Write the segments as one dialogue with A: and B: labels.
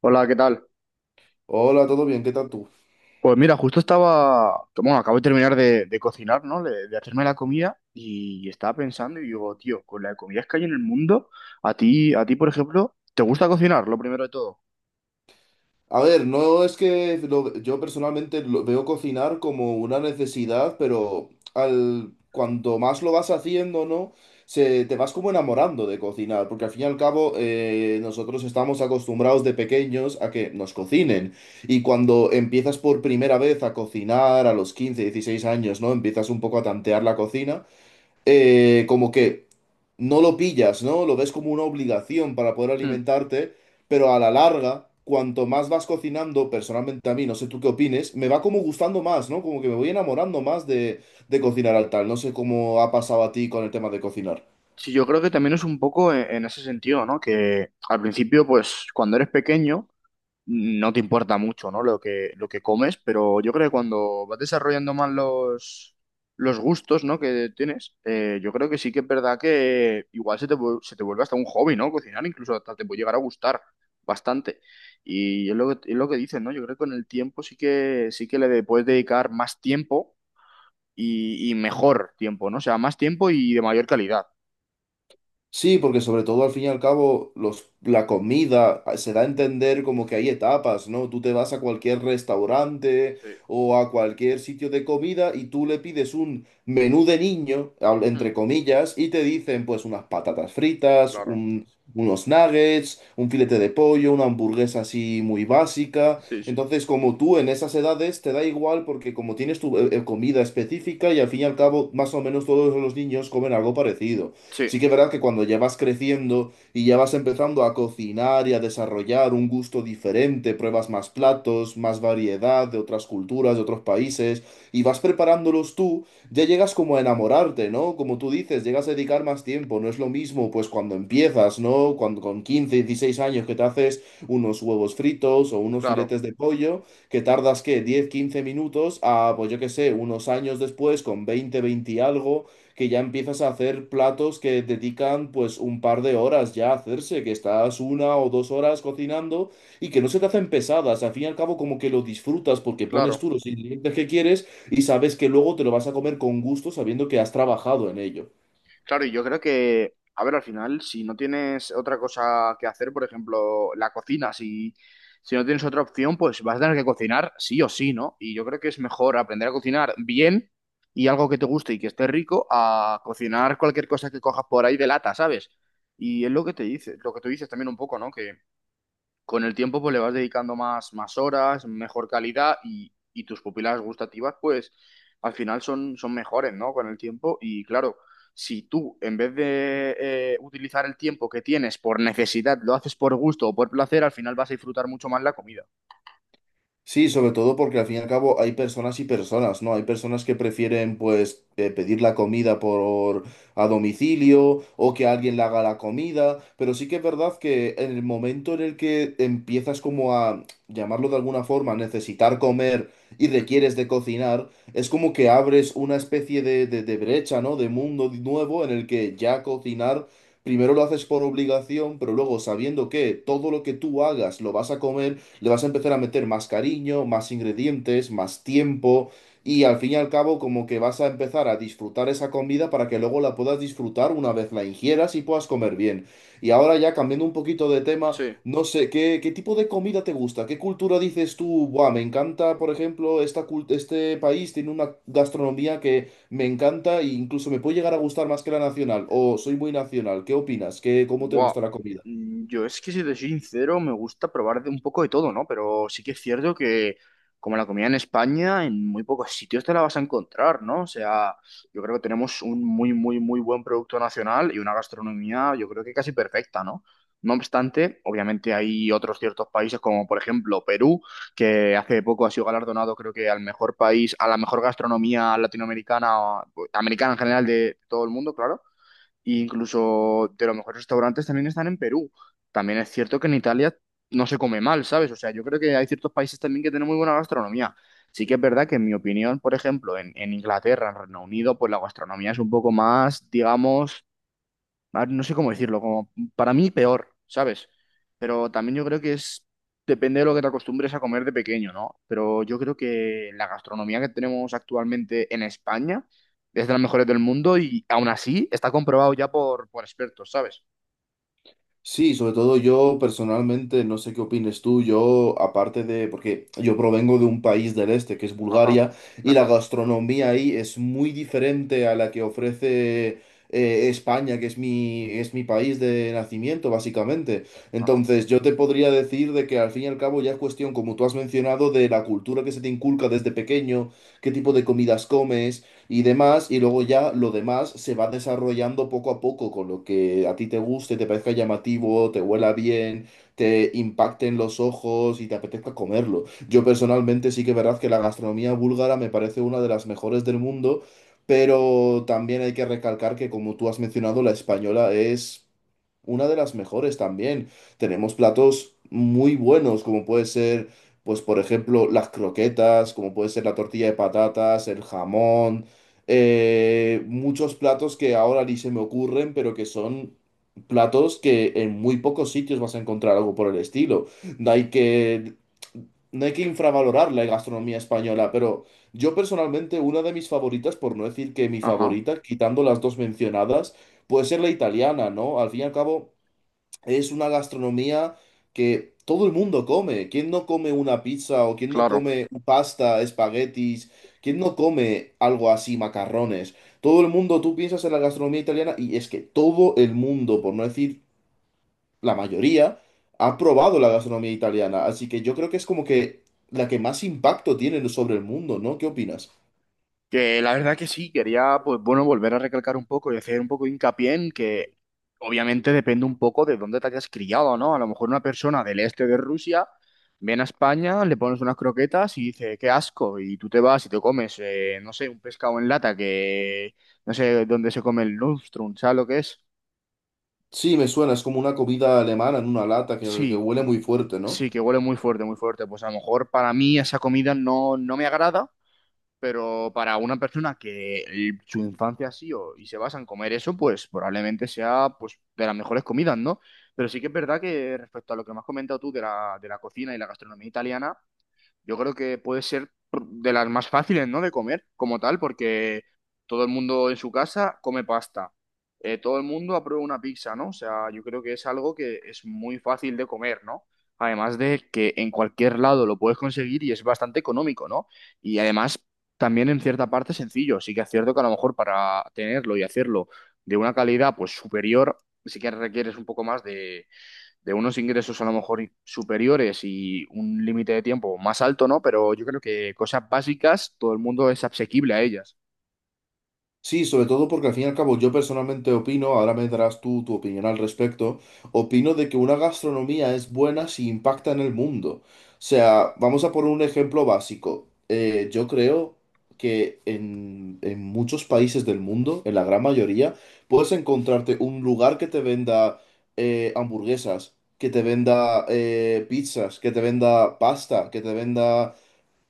A: Hola, ¿qué tal?
B: Hola, ¿todo bien? ¿Qué tal tú?
A: Pues mira, justo estaba, bueno, acabo de terminar de cocinar, ¿no? De hacerme la comida y estaba pensando y digo, tío, con las comidas que hay en el mundo, a ti, por ejemplo, ¿te gusta cocinar, lo primero de todo?
B: A ver, no es que lo- yo personalmente lo veo cocinar como una necesidad, pero cuanto más lo vas haciendo, ¿no? Te vas como enamorando de cocinar, porque al fin y al cabo nosotros estamos acostumbrados de pequeños a que nos cocinen. Y cuando empiezas por primera vez a cocinar a los 15, 16 años, ¿no? Empiezas un poco a tantear la cocina. Como que no lo pillas, ¿no? Lo ves como una obligación para poder
A: Mm.
B: alimentarte, pero a la larga, cuanto más vas cocinando, personalmente a mí, no sé tú qué opines, me va como gustando más, ¿no? Como que me voy enamorando más de cocinar al tal. No sé cómo ha pasado a ti con el tema de cocinar.
A: Sí, yo creo que también es un poco en ese sentido, ¿no? Que al principio, pues, cuando eres pequeño, no te importa mucho, ¿no? Lo que comes, pero yo creo que cuando vas desarrollando más los gustos, ¿no? Que tienes, yo creo que sí que es verdad que igual se te vuelve hasta un hobby, ¿no? Cocinar, incluso hasta te puede llegar a gustar bastante. Y es lo que dices, ¿no? Yo creo que con el tiempo sí que le puedes dedicar más tiempo y mejor tiempo, ¿no? O sea, más tiempo y de mayor calidad.
B: Sí, porque sobre todo al fin y al cabo la comida se da a entender como que hay etapas, ¿no? Tú te vas a cualquier restaurante
A: Sí.
B: o a cualquier sitio de comida y tú le pides un menú de niño,
A: Mm,
B: entre comillas, y te dicen pues unas patatas fritas,
A: claro,
B: unos nuggets, un filete de pollo, una hamburguesa así muy básica.
A: sí, sí.
B: Entonces como tú en esas edades te da igual porque como tienes tu comida específica y al fin y al cabo más o menos todos los niños comen algo parecido.
A: Sí,
B: Sí que es verdad que cuando ya vas creciendo y ya vas empezando a cocinar y a desarrollar un gusto diferente, pruebas más platos, más variedad de otras culturas, de otros países, y vas preparándolos tú, ya llegas como a enamorarte, ¿no? Como tú dices, llegas a dedicar más tiempo, no es lo mismo pues cuando empiezas, ¿no? Cuando con 15 16 años que te haces unos huevos fritos o unos
A: claro,
B: filetes de pollo, que tardas, ¿qué? 10 15 minutos a, pues yo qué sé, unos años después, con 20 20 y algo que ya empiezas a hacer platos que dedican pues un par de horas ya a hacerse, que estás una o dos horas cocinando y que no se te hacen pesadas, al fin y al cabo como que lo disfrutas porque pones tú
A: claro.
B: los ingredientes que quieres y sabes que luego te lo vas a comer con gusto sabiendo que has trabajado en ello.
A: Claro, y yo creo que, a ver, al final, si no tienes otra cosa que hacer, por ejemplo, la cocina, si no tienes otra opción, pues vas a tener que cocinar sí o sí, ¿no? Y yo creo que es mejor aprender a cocinar bien y algo que te guste y que esté rico a cocinar cualquier cosa que cojas por ahí de lata, ¿sabes? Y es lo que te dice, lo que tú dices también un poco, ¿no? Que con el tiempo pues le vas dedicando más horas, mejor calidad y tus pupilas gustativas pues al final son mejores, ¿no? Con el tiempo y claro, si tú en vez de utilizar el tiempo que tienes por necesidad, lo haces por gusto o por placer, al final vas a disfrutar mucho más la comida.
B: Sí, sobre todo porque al fin y al cabo hay personas y personas, ¿no? Hay personas que prefieren pues pedir la comida por a domicilio o que alguien le haga la comida, pero sí que es verdad que en el momento en el que empiezas como a llamarlo de alguna forma, necesitar comer y
A: Mm.
B: requieres de cocinar, es como que abres una especie de brecha, ¿no? De mundo nuevo en el que ya cocinar, primero lo haces por obligación, pero luego sabiendo que todo lo que tú hagas lo vas a comer le vas a empezar a meter más cariño, más ingredientes, más tiempo y al fin y al cabo como que vas a empezar a disfrutar esa comida para que luego la puedas disfrutar una vez la ingieras y puedas comer bien. Y ahora ya cambiando un poquito de tema,
A: Sí.
B: no sé, ¿qué, qué tipo de comida te gusta? ¿Qué cultura dices tú? Buah, me encanta, por ejemplo, este país tiene una gastronomía que me encanta e incluso me puede llegar a gustar más que la nacional. O soy muy nacional. ¿Qué opinas? ¿Qué, cómo te
A: Buah,
B: gusta la comida?
A: yo es que si te soy sincero, me gusta probar de un poco de todo, ¿no? Pero sí que es cierto que como la comida en España, en muy pocos sitios te la vas a encontrar, ¿no? O sea, yo creo que tenemos un muy, muy, muy buen producto nacional y una gastronomía, yo creo que casi perfecta, ¿no? No obstante, obviamente hay otros ciertos países como por ejemplo Perú, que hace poco ha sido galardonado creo que al mejor país, a la mejor gastronomía latinoamericana, o americana en general de todo el mundo, claro, y incluso de los mejores restaurantes también están en Perú. También es cierto que en Italia no se come mal, ¿sabes? O sea, yo creo que hay ciertos países también que tienen muy buena gastronomía. Sí que es verdad que en mi opinión, por ejemplo, en Inglaterra, en Reino Unido, pues la gastronomía es un poco más, digamos, no sé cómo decirlo, como para mí peor, ¿sabes? Pero también yo creo que es, depende de lo que te acostumbres a comer de pequeño, ¿no? Pero yo creo que la gastronomía que tenemos actualmente en España es de las mejores del mundo y aún así está comprobado ya por expertos, ¿sabes?
B: Sí, sobre todo yo personalmente, no sé qué opines tú, yo aparte de, porque yo provengo de un país del este que es
A: Ajá,
B: Bulgaria y la
A: ajá,
B: gastronomía ahí es muy diferente a la que ofrece España, que es es mi país de nacimiento básicamente.
A: ajá,
B: Entonces yo te podría decir de que al fin y al cabo ya es cuestión, como tú has mencionado, de la cultura que se te inculca desde pequeño, qué tipo de comidas comes y demás, y luego ya lo demás se va desarrollando poco a poco con lo que a ti te guste, te parezca llamativo, te huela bien, te impacte en los ojos y te apetezca comerlo. Yo personalmente sí que es verdad que la gastronomía búlgara me parece una de las mejores del mundo, pero también hay que recalcar que como tú has mencionado, la española es una de las mejores también. Tenemos platos muy buenos, como puede ser, pues por ejemplo, las croquetas, como puede ser la tortilla de patatas, el jamón, muchos platos que ahora ni se me ocurren, pero que son platos que en muy pocos sitios vas a encontrar algo por el estilo. No hay que, no hay que infravalorar la gastronomía española, pero yo personalmente una de mis favoritas, por no decir que mi
A: ajá,
B: favorita, quitando las dos mencionadas, puede ser la italiana, ¿no? Al fin y al cabo… Es una gastronomía que todo el mundo come. ¿Quién no come una pizza o quién no
A: claro.
B: come pasta, espaguetis? ¿Quién no come algo así, macarrones? Todo el mundo, tú piensas en la gastronomía italiana y es que todo el mundo, por no decir la mayoría, ha probado la gastronomía italiana. Así que yo creo que es como que la que más impacto tiene sobre el mundo, ¿no? ¿Qué opinas?
A: Que la verdad que sí, quería, pues bueno, volver a recalcar un poco y hacer un poco de hincapié en que obviamente depende un poco de dónde te hayas criado, ¿no? A lo mejor una persona del este de Rusia viene a España, le pones unas croquetas y dice, qué asco, y tú te vas y te comes, no sé, un pescado en lata que no sé dónde se come el lustrum, ¿sabes lo que es?
B: Sí, me suena, es como una comida alemana en una lata que
A: Sí,
B: huele muy fuerte, ¿no?
A: sí, que huele muy fuerte, muy fuerte. Pues a lo mejor para mí esa comida no, no me agrada. Pero para una persona que su infancia ha sido y se basa en comer eso, pues probablemente sea pues, de las mejores comidas, ¿no? Pero sí que es verdad que respecto a lo que me has comentado tú de la cocina y la gastronomía italiana, yo creo que puede ser de las más fáciles, ¿no? De comer como tal, porque todo el mundo en su casa come pasta. Todo el mundo aprueba una pizza, ¿no? O sea, yo creo que es algo que es muy fácil de comer, ¿no? Además de que en cualquier lado lo puedes conseguir y es bastante económico, ¿no? Y además también en cierta parte sencillo. Sí que es cierto que a lo mejor para tenerlo y hacerlo de una calidad pues superior, sí que requieres un poco más de unos ingresos a lo mejor superiores y un límite de tiempo más alto, ¿no? Pero yo creo que cosas básicas, todo el mundo es asequible a ellas.
B: Sí, sobre todo porque al fin y al cabo yo personalmente opino, ahora me darás tú tu opinión al respecto, opino de que una gastronomía es buena si impacta en el mundo. O
A: Sí,
B: sea, vamos a poner un ejemplo básico. Yo creo que en muchos países del mundo, en la gran mayoría, puedes encontrarte un lugar que te venda hamburguesas, que te venda pizzas, que te venda pasta, que te venda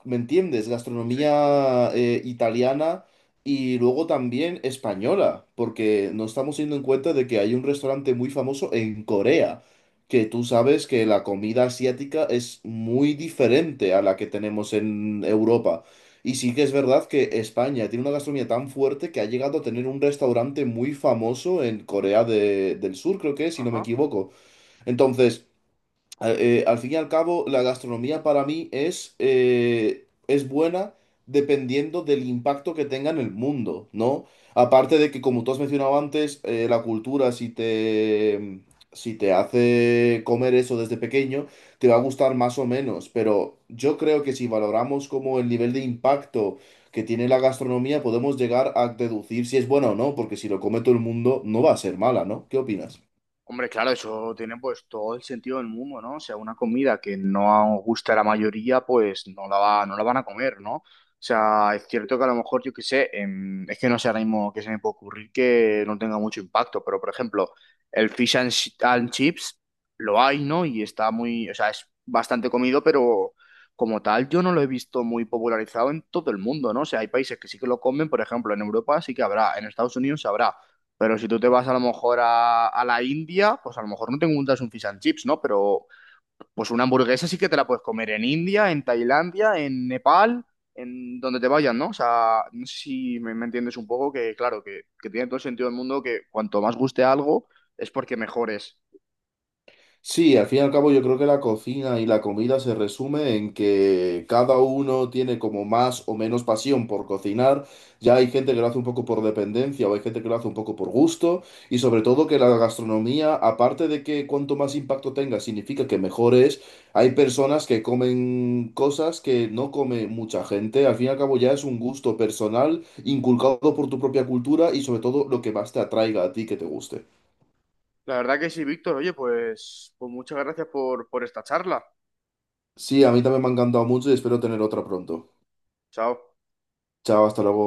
B: ¿me entiendes?
A: sí.
B: Gastronomía italiana y luego también española, porque no estamos teniendo en cuenta de que hay un restaurante muy famoso en Corea, que tú sabes que la comida asiática es muy diferente a la que tenemos en Europa. Y sí que es verdad que España tiene una gastronomía tan fuerte que ha llegado a tener un restaurante muy famoso en Corea del Sur, creo que es, si no me
A: Ajá.
B: equivoco. Entonces al fin y al cabo, la gastronomía para mí es buena dependiendo del impacto que tenga en el mundo, ¿no? Aparte de que, como tú has mencionado antes, la cultura, si te hace comer eso desde pequeño, te va a gustar más o menos. Pero yo creo que si valoramos como el nivel de impacto que tiene la gastronomía, podemos llegar a deducir si es buena o no, porque si lo come todo el mundo, no va a ser mala, ¿no? ¿Qué opinas?
A: Hombre, claro, eso tiene pues todo el sentido del mundo, ¿no? O sea, una comida que no gusta a la mayoría, pues no la van a comer, ¿no? O sea, es cierto que a lo mejor, yo qué sé, es que no sé ahora mismo qué se me puede ocurrir que no tenga mucho impacto, pero por ejemplo, el and chips lo hay, ¿no? Y o sea, es bastante comido, pero como tal yo no lo he visto muy popularizado en todo el mundo, ¿no? O sea, hay países que sí que lo comen, por ejemplo, en Europa sí que habrá, en Estados Unidos habrá. Pero si tú te vas a lo mejor a la India, pues a lo mejor no te encuentras un fish and chips, ¿no? Pero pues una hamburguesa sí que te la puedes comer en India, en Tailandia, en Nepal, en donde te vayas, ¿no? O sea, no sé si me entiendes un poco que, claro, que tiene todo el sentido del mundo que cuanto más guste algo es porque mejor es.
B: Sí, al fin y al cabo yo creo que la cocina y la comida se resume en que cada uno tiene como más o menos pasión por cocinar. Ya hay gente que lo hace un poco por dependencia o hay gente que lo hace un poco por gusto. Y sobre todo que la gastronomía, aparte de que cuanto más impacto tenga significa que mejor es, hay personas que comen cosas que no come mucha gente. Al fin y al cabo ya es un gusto personal inculcado por tu propia cultura y sobre todo lo que más te atraiga a ti que te guste.
A: La verdad que sí, Víctor. Oye, pues muchas gracias por esta charla.
B: Sí, a mí también me ha encantado mucho y espero tener otra pronto.
A: Chao.
B: Chao, hasta luego.